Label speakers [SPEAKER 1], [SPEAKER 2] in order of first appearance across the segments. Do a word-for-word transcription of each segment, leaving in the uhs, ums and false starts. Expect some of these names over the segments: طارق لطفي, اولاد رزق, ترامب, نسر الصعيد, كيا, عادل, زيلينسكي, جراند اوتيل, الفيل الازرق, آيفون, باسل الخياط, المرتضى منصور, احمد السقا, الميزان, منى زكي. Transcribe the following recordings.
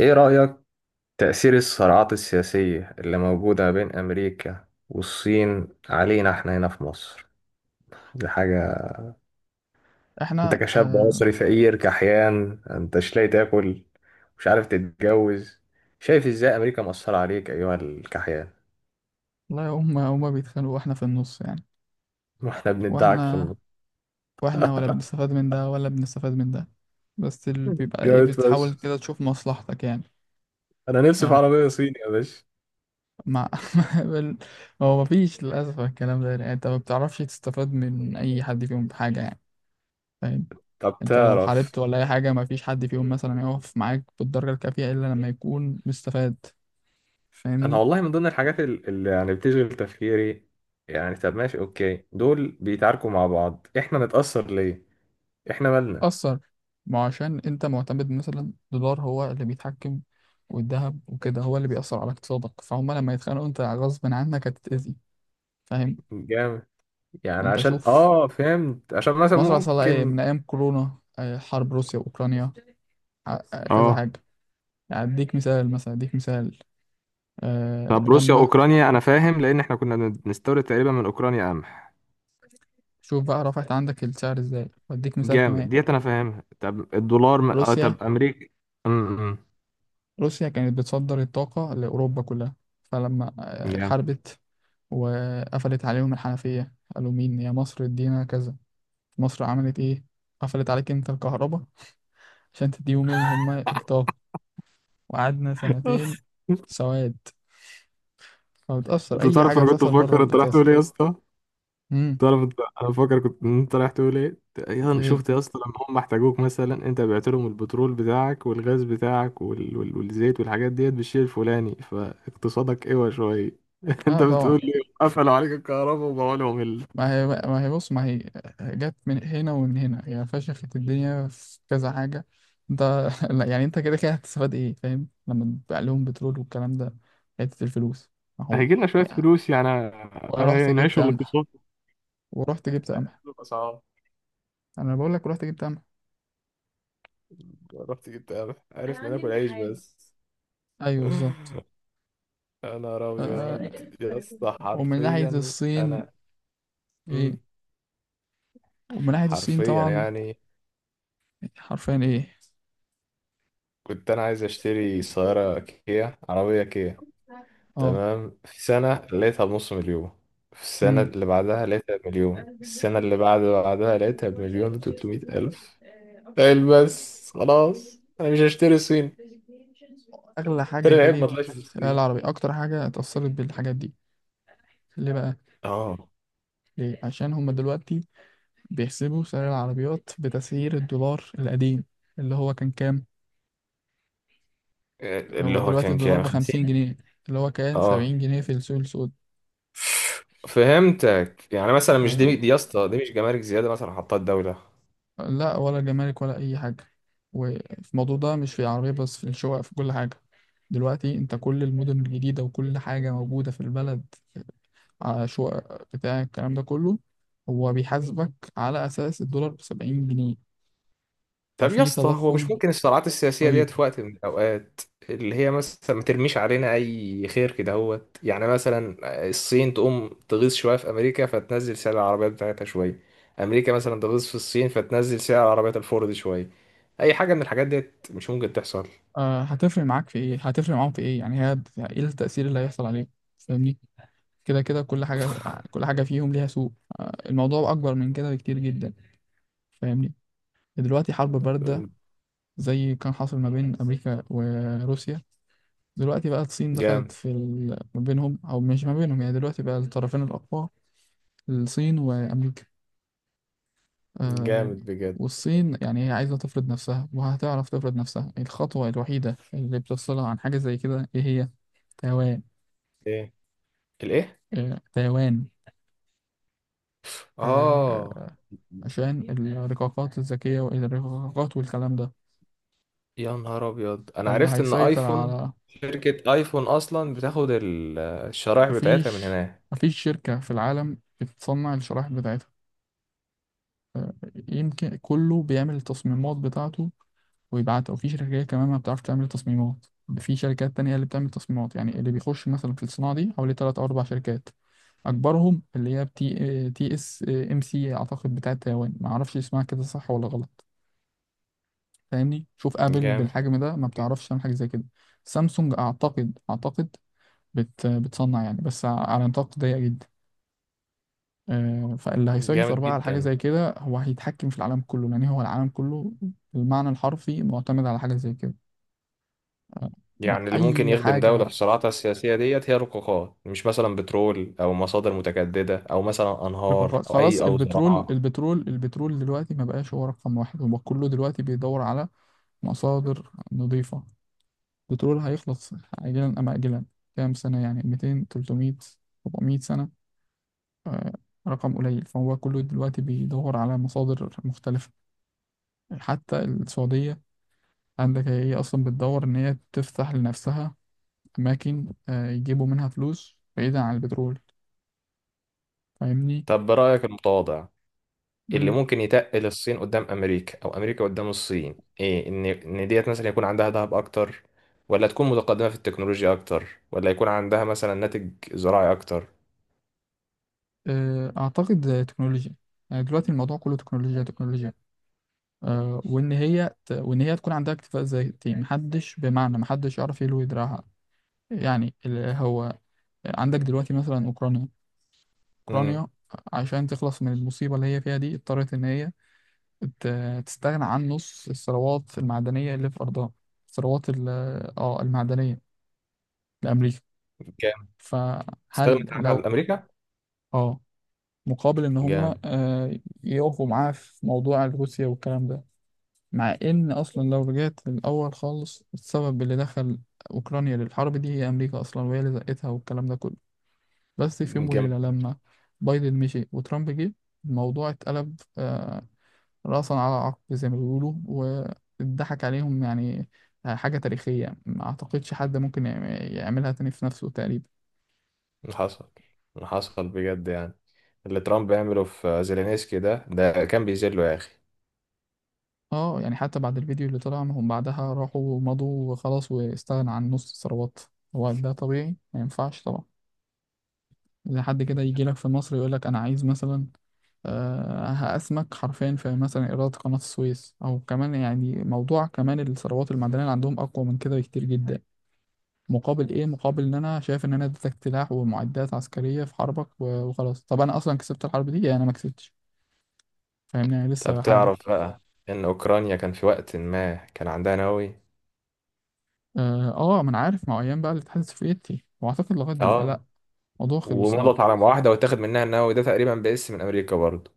[SPEAKER 1] إيه رأيك تأثير الصراعات السياسية اللي موجودة بين أمريكا والصين علينا إحنا هنا في مصر؟ دي حاجة. أنت
[SPEAKER 2] احنا
[SPEAKER 1] كشاب
[SPEAKER 2] اه
[SPEAKER 1] مصري فقير كحيان، أنت مش لاقي تاكل، مش عارف تتجوز. شايف إزاي أمريكا مأثرة عليك أيها الكحيان؟
[SPEAKER 2] لا هم هم بيتخانقوا واحنا في النص يعني.
[SPEAKER 1] وإحنا بندعك في
[SPEAKER 2] واحنا
[SPEAKER 1] النص.
[SPEAKER 2] واحنا ولا بنستفاد من ده ولا بنستفاد من ده. بس اللي بيبقى ايه،
[SPEAKER 1] جامد
[SPEAKER 2] بتحاول
[SPEAKER 1] بس.
[SPEAKER 2] كده تشوف مصلحتك يعني.
[SPEAKER 1] أنا نفسي في عربية صيني يا باشا.
[SPEAKER 2] مع بال- هو مفيش للأسف. الكلام ده يعني انت ما بتعرفش تستفاد من اي حد فيهم بحاجة يعني. فاهم؟
[SPEAKER 1] طب
[SPEAKER 2] انت لو حاربت
[SPEAKER 1] تعرف،
[SPEAKER 2] ولا اي حاجة مفيش حد فيهم مثلا يقف معاك بالدرجة الكافية الا لما يكون مستفاد.
[SPEAKER 1] انا
[SPEAKER 2] فاهمني؟
[SPEAKER 1] والله من ضمن الحاجات ال- اللي يعني بتشغل تفكيري، يعني طب ماشي اوكي، دول بيتعاركوا مع بعض احنا نتأثر ليه؟ احنا مالنا؟
[SPEAKER 2] أثر. ما عشان أنت معتمد مثلا دولار هو اللي بيتحكم، والذهب وكده هو اللي بيأثر على اقتصادك. فهم لما يتخانقوا أنت غصب عنك هتتأذي. فاهم؟
[SPEAKER 1] جامد. يعني
[SPEAKER 2] أنت
[SPEAKER 1] عشان
[SPEAKER 2] شوف،
[SPEAKER 1] اه فهمت، عشان مثلا
[SPEAKER 2] مصر حصل لها إيه
[SPEAKER 1] ممكن.
[SPEAKER 2] من أيام كورونا، آه، حرب روسيا وأوكرانيا. ع- آه، كذا
[SPEAKER 1] اه
[SPEAKER 2] حاجة. يعني أديك مثال، مثلا أديك مثال. أه
[SPEAKER 1] طب روسيا
[SPEAKER 2] لما.
[SPEAKER 1] واوكرانيا انا فاهم، لان احنا كنا بنستورد تقريبا من اوكرانيا قمح.
[SPEAKER 2] شوف بقى رفعت عندك السعر إزاي. وأديك مثال
[SPEAKER 1] جامد
[SPEAKER 2] كمان.
[SPEAKER 1] ديت، انا فاهمها. طب الدولار م... اه
[SPEAKER 2] روسيا.
[SPEAKER 1] طب امريكا. امم
[SPEAKER 2] روسيا كانت بتصدر الطاقة لأوروبا كلها. فلما آه،
[SPEAKER 1] جامد.
[SPEAKER 2] حاربت وقفلت عليهم الحنفية قالوا مين؟ يا مصر ادينا كذا. مصر عملت ايه؟ قفلت عليك انت الكهرباء عشان تديهم اللي هما الطاقة. وقعدنا سنتين سواد. فبتأثر،
[SPEAKER 1] انت
[SPEAKER 2] أي
[SPEAKER 1] تعرف
[SPEAKER 2] حاجة
[SPEAKER 1] انا كنت
[SPEAKER 2] بتحصل بره
[SPEAKER 1] بفكر انت راح تقول
[SPEAKER 2] بتأثر.
[SPEAKER 1] ايه يا اسطى؟
[SPEAKER 2] امم.
[SPEAKER 1] طالما انت، انا فاكر كنت إن انت رايح تقول ايه يا أنا
[SPEAKER 2] ايه.
[SPEAKER 1] شفت يا اسطى، لما هم احتاجوك مثلا انت بعت لهم البترول بتاعك والغاز بتاعك وال... وال... والزيت والحاجات ديت بالشيء الفلاني، فاقتصادك اوعى شويه. انت
[SPEAKER 2] لا طبعا.
[SPEAKER 1] بتقول لي قفلوا عليك الكهرباء وبقوا لهم ال...
[SPEAKER 2] ما هي ما هي بص ما هي جت من هنا ومن هنا، هي فشخت الدنيا في كذا حاجة. انت لا، يعني انت كده كده هتستفاد ايه؟ فاهم لما تبيع لهم بترول والكلام ده حتة الفلوس. ما هو
[SPEAKER 1] هيجي لنا شويه فلوس يعني،
[SPEAKER 2] رحت جبت
[SPEAKER 1] هينعشوا
[SPEAKER 2] قمح.
[SPEAKER 1] الاقتصاد
[SPEAKER 2] ورحت جبت قمح.
[SPEAKER 1] ويقللوا الاسعار.
[SPEAKER 2] انا بقول لك رحت جبت امل.
[SPEAKER 1] رحت جبت قرع. عرفنا ناكل عيش بس.
[SPEAKER 2] ايوه بالظبط.
[SPEAKER 1] يا نهار ابيض.
[SPEAKER 2] آه،
[SPEAKER 1] يا اسطى
[SPEAKER 2] ومن ناحية
[SPEAKER 1] حرفيا
[SPEAKER 2] الصين.
[SPEAKER 1] انا.
[SPEAKER 2] ايه.
[SPEAKER 1] مم.
[SPEAKER 2] ومن ناحية الصين
[SPEAKER 1] حرفيا
[SPEAKER 2] طبعا.
[SPEAKER 1] يعني
[SPEAKER 2] حرفيا ايه.
[SPEAKER 1] كنت انا عايز اشتري سيارة كيا، عربية كيا.
[SPEAKER 2] اه.
[SPEAKER 1] تمام، في سنة لقيتها بنص مليون، في السنة
[SPEAKER 2] امم.
[SPEAKER 1] اللي بعدها لقيتها بمليون، السنة اللي بعد بعدها لقيتها بمليون وتلتمية ألف. قال بس خلاص، أنا مش هشتري صين
[SPEAKER 2] اغلى
[SPEAKER 1] تاني،
[SPEAKER 2] حاجة
[SPEAKER 1] العيب ما
[SPEAKER 2] غليت
[SPEAKER 1] طلعش في
[SPEAKER 2] في العالم
[SPEAKER 1] الصين.
[SPEAKER 2] العربي، اكتر حاجة اتأثرت بالحاجات دي. ليه بقى؟
[SPEAKER 1] اه
[SPEAKER 2] ليه؟ عشان هما دلوقتي بيحسبوا سعر العربيات بتسعير الدولار القديم اللي هو كان كام.
[SPEAKER 1] اللي
[SPEAKER 2] هو
[SPEAKER 1] هو
[SPEAKER 2] دلوقتي
[SPEAKER 1] كان
[SPEAKER 2] الدولار
[SPEAKER 1] كام؟
[SPEAKER 2] بخمسين
[SPEAKER 1] خمسين.
[SPEAKER 2] جنيه، اللي هو كان
[SPEAKER 1] اه
[SPEAKER 2] سبعين جنيه في السوق السود.
[SPEAKER 1] فهمتك، يعني مثلا مش دي دي يا اسطى، دي مش جمارك زيادة مثلا حطها الدولة؟
[SPEAKER 2] لا، ولا جمارك ولا اي حاجه. وفي الموضوع ده مش في العربيه بس، في الشقق في كل حاجه. دلوقتي انت كل المدن الجديده وكل حاجه موجوده في البلد على شقق بتاع الكلام ده كله، هو بيحاسبك على اساس الدولار ب سبعين جنيه.
[SPEAKER 1] طب يا
[SPEAKER 2] ففي
[SPEAKER 1] اسطى، هو مش
[SPEAKER 2] تضخم.
[SPEAKER 1] ممكن الصراعات السياسية ديت
[SPEAKER 2] طيب.
[SPEAKER 1] في وقت من الأوقات اللي هي مثلا ما ترميش علينا أي خير كده، هوت يعني مثلا الصين تقوم تغيظ شوية في أمريكا فتنزل سعر العربيات بتاعتها شوية، أمريكا مثلا تغيظ في الصين فتنزل سعر عربيات الفورد شوية؟ أي حاجة من الحاجات ديت مش ممكن تحصل؟
[SPEAKER 2] أه هتفرق معاك في ايه؟ هتفرق معاهم في ايه يعني؟ هي ايه التاثير اللي هيحصل عليك؟ فاهمني؟ كده كده كل حاجه، كل حاجه فيهم ليها سوق. أه الموضوع اكبر من كده بكتير جدا. فاهمني؟ دلوقتي حرب باردة زي كان حاصل ما بين أمريكا وروسيا. دلوقتي بقى الصين دخلت
[SPEAKER 1] جامد.
[SPEAKER 2] في ال... ما بينهم أو مش ما بينهم يعني. دلوقتي بقى الطرفين الأقوى الصين وأمريكا. آه.
[SPEAKER 1] جامد بجد.
[SPEAKER 2] والصين يعني هي عايزة تفرض نفسها وهتعرف تفرض نفسها. الخطوة الوحيدة اللي بتفصلها عن حاجة زي كده إيه هي؟ تايوان.
[SPEAKER 1] إيه الإيه؟
[SPEAKER 2] آه تايوان.
[SPEAKER 1] آه.
[SPEAKER 2] آه. عشان الرقاقات الذكية والرقاقات والكلام ده.
[SPEAKER 1] يا نهار أبيض، أنا
[SPEAKER 2] فاللي
[SPEAKER 1] عرفت إن
[SPEAKER 2] هيسيطر
[SPEAKER 1] آيفون،
[SPEAKER 2] على.
[SPEAKER 1] شركة آيفون أصلا بتاخد الشرائح بتاعتها من
[SPEAKER 2] مفيش.
[SPEAKER 1] هنا.
[SPEAKER 2] مفيش شركة في العالم بتصنع الشرائح بتاعتها. آه، يمكن كله بيعمل التصميمات بتاعته ويبعتها. وفي شركات كمان ما بتعرفش تعمل تصميمات. في شركات تانية هي اللي بتعمل تصميمات. يعني اللي بيخش مثلا في الصناعة دي حوالي تلات أو أربع شركات، أكبرهم اللي هي تي تي اس ام سي أعتقد بتاعة تايوان. ما أعرفش اسمها كده صح ولا غلط. فاهمني؟ شوف آبل
[SPEAKER 1] جامد.
[SPEAKER 2] بالحجم ده ما بتعرفش تعمل حاجة زي كده. سامسونج أعتقد أعتقد بت بتصنع يعني بس على نطاق ضيق جدا. آه، فاللي هيسيطر
[SPEAKER 1] جامد
[SPEAKER 2] بقى على حاجة
[SPEAKER 1] جدا.
[SPEAKER 2] زي كده هو هيتحكم في العالم كله، لأن هو العالم كله بالمعنى الحرفي معتمد على حاجة زي كده. آه، ما-
[SPEAKER 1] يعني اللي ممكن
[SPEAKER 2] أي
[SPEAKER 1] يخدم دولة في
[SPEAKER 2] حاجة.
[SPEAKER 1] صراعاتها السياسية ديت هي القاقات، مش مثلا بترول أو مصادر متجددة أو مثلا أنهار
[SPEAKER 2] رقاقات.
[SPEAKER 1] أو أي
[SPEAKER 2] خلاص.
[SPEAKER 1] أو
[SPEAKER 2] البترول
[SPEAKER 1] زراعة؟
[SPEAKER 2] البترول البترول دلوقتي ما بقاش هو رقم واحد. هو كله دلوقتي بيدور على مصادر نظيفة. البترول هيخلص عاجلا أم آجلا. كام سنة يعني؟ مئتين تلتمية أربعمية سنة. آه، رقم قليل. فهو كله دلوقتي بيدور على مصادر مختلفة. حتى السعودية عندك هي أصلا بتدور إن هي تفتح لنفسها أماكن آه، يجيبوا منها فلوس بعيدا عن البترول. فاهمني؟
[SPEAKER 1] طب برأيك المتواضع، اللي
[SPEAKER 2] مم.
[SPEAKER 1] ممكن يتقل الصين قدام أمريكا أو أمريكا قدام الصين إيه؟ إن إن ديت مثلا يكون عندها ذهب أكتر، ولا تكون متقدمة في التكنولوجيا أكتر، ولا يكون عندها مثلا ناتج زراعي أكتر؟
[SPEAKER 2] آه، أعتقد آه، تكنولوجيا. يعني دلوقتي الموضوع كله تكنولوجيا تكنولوجيا. آه، وإن هي ت... وإن هي تكون عندها اكتفاء ذاتي، محدش بمعنى محدش يعرف يلوي دراعها. يعني ال- هو عندك دلوقتي مثلا أوكرانيا.
[SPEAKER 1] امم.
[SPEAKER 2] أوكرانيا عشان تخلص من المصيبة اللي هي فيها دي اضطرت إن هي ت- تستغنى عن نص الثروات المعدنية اللي في أرضها. الثروات ال- اه المعدنية لأمريكا.
[SPEAKER 1] جامد.
[SPEAKER 2] فهل
[SPEAKER 1] استغنت عنها
[SPEAKER 2] لو
[SPEAKER 1] الأمريكا.
[SPEAKER 2] اه مقابل إن هم
[SPEAKER 1] جامد.
[SPEAKER 2] آه، يقفوا معاه في موضوع روسيا والكلام ده. مع إن أصلا لو رجعت للأول خالص، السبب اللي دخل أوكرانيا للحرب دي هي أمريكا أصلا، وهي اللي زقتها والكلام ده كله. بس في يوم
[SPEAKER 1] جامد.
[SPEAKER 2] وليلة لما بايدن مشي وترامب جه، الموضوع اتقلب آه، رأسا على عقب زي ما بيقولوا، واتضحك عليهم يعني. آه، حاجة تاريخية ما أعتقدش حد ممكن يعم- يعملها تاني في نفسه تقريبا.
[SPEAKER 1] اللي حصل، اللي حصل بجد يعني، اللي ترامب يعمله في زيلينسكي ده ده كان بيذله يا أخي.
[SPEAKER 2] اه يعني حتى بعد الفيديو اللي طلع، ما هم بعدها راحوا ومضوا وخلاص واستغنى عن نص الثروات. هو ده طبيعي؟ ما ينفعش طبعا. إذا حد كده يجي لك في مصر يقول لك أنا عايز مثلا آه، هقسمك حرفيا في مثلا إيرادات قناة السويس، أو كمان يعني موضوع كمان الثروات المعدنية اللي عندهم أقوى من كده بكتير جدا. مقابل ايه؟ مقابل ان انا شايف ان انا اديتك سلاح ومعدات عسكريه في حربك، و- وخلاص. طب انا اصلا كسبت الحرب دي يعني؟ انا ما كسبتش، فاهمني؟ انا
[SPEAKER 1] طب
[SPEAKER 2] لسه بحارب.
[SPEAKER 1] تعرف بقى إن أوكرانيا كان في وقت ما كان عندها نووي.
[SPEAKER 2] اه. آه، ما انا عارف مع ايام بقى الاتحاد السوفيتي، واعتقد لغايه دلوقتي لا،
[SPEAKER 1] آه.
[SPEAKER 2] الموضوع خلص اه.
[SPEAKER 1] ومضت على معاهدة، واتاخد منها النووي ده تقريبا باسم من أمريكا برضه.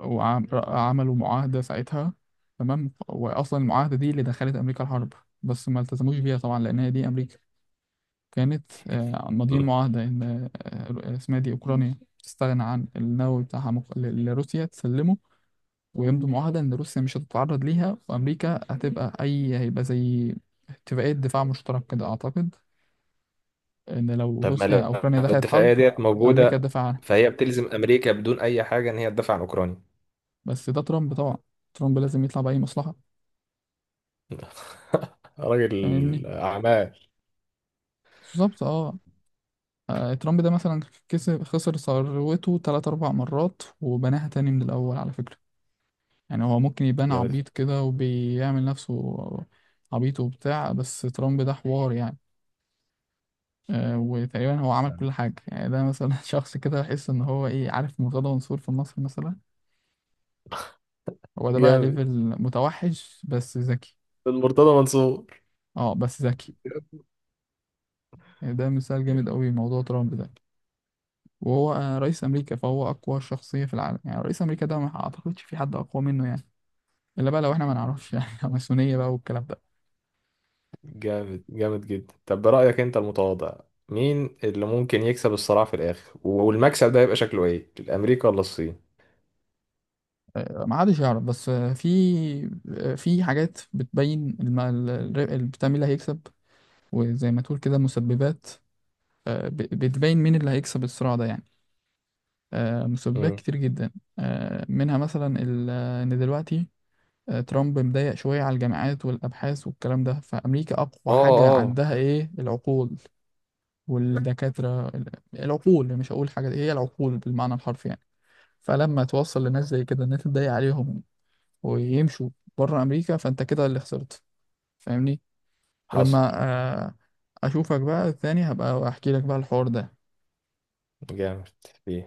[SPEAKER 2] وعملوا معاهده ساعتها. تمام. واصلا المعاهده دي اللي دخلت امريكا الحرب. بس ما التزموش بيها طبعا لان هي دي امريكا. كانت آه، ماضيين
[SPEAKER 1] مم.
[SPEAKER 2] معاهده ان آه، اسمها دي اوكرانيا تستغنى عن النووي بتاعها مق- لروسيا تسلمه، ويمضوا معاهدة إن روسيا مش هتتعرض ليها، وأمريكا هتبقى أي هيبقى زي اتفاقية دفاع مشترك كده أعتقد، إن لو
[SPEAKER 1] طب ما
[SPEAKER 2] روسيا
[SPEAKER 1] لو
[SPEAKER 2] آه، أوكرانيا دخلت
[SPEAKER 1] الاتفاقية
[SPEAKER 2] حرب
[SPEAKER 1] ديت
[SPEAKER 2] أمريكا
[SPEAKER 1] موجودة،
[SPEAKER 2] تدافع عنها.
[SPEAKER 1] فهي بتلزم أمريكا بدون أي حاجة إن هي تدافع عن أوكرانيا.
[SPEAKER 2] بس ده ترامب طبعا. ترامب لازم يطلع بأي مصلحة.
[SPEAKER 1] راجل
[SPEAKER 2] فاهمني؟
[SPEAKER 1] أعمال.
[SPEAKER 2] بالظبط اه. آه، ترامب ده مثلا كسب خسر ثروته تلات أربع مرات وبناها تاني من الأول على فكرة. يعني هو ممكن يبان
[SPEAKER 1] جامد.
[SPEAKER 2] عبيط كده وبيعمل نفسه عبيط وبتاع. بس ترامب ده حوار يعني. آه، وتقريبا هو عمل
[SPEAKER 1] فعلاً.
[SPEAKER 2] كل حاجة يعني. ده مثلا شخص كده بحس إن هو إيه، عارف مرتضى منصور في مصر مثلا؟ هو ده بقى
[SPEAKER 1] جامد.
[SPEAKER 2] ليفل متوحش بس ذكي.
[SPEAKER 1] المرتضى منصور.
[SPEAKER 2] اه بس ذكي. يعني ده مثال جامد قوي موضوع ترامب ده. وهو آه، رئيس أمريكا فهو أقوى شخصية في العالم يعني. رئيس أمريكا ده ما أعتقدش في حد أقوى منه يعني، إلا بقى لو إحنا ما نعرفش يعني ماسونية بقى والكلام ده.
[SPEAKER 1] جامد. جامد جدا. طب برأيك انت المتواضع، مين اللي ممكن يكسب الصراع في الاخر، والمكسب ده يبقى شكله ايه؟ الامريكا ولا الصين؟
[SPEAKER 2] آه، ما حدش يعرف. بس آه، في آه، في حاجات بتبين الم- ال- ال- بتعمل اللي هيكسب، وزي ما تقول كده مسببات آه، ب- بتبين مين اللي هيكسب الصراع ده يعني. آه، مسببات
[SPEAKER 1] امم.
[SPEAKER 2] كتير جدا. آه، منها مثلا ال- آه، ان دلوقتي آه، ترامب مضايق شوية على الجامعات والأبحاث والكلام ده. فأمريكا
[SPEAKER 1] اه.
[SPEAKER 2] أقوى حاجة
[SPEAKER 1] اه.
[SPEAKER 2] عندها إيه؟ العقول والدكاترة ال- العقول. مش هقول حاجة هي العقول بالمعنى الحرفي يعني. فلما توصل لناس زي كده إن أنت تضايق عليهم ويمشوا بره أمريكا، فأنت كده اللي خسرت. فاهمني؟
[SPEAKER 1] حصل.
[SPEAKER 2] ولما آه، أشوفك بقى الثاني هبقى أحكي لك بقى الحوار ده.
[SPEAKER 1] جامد. فيه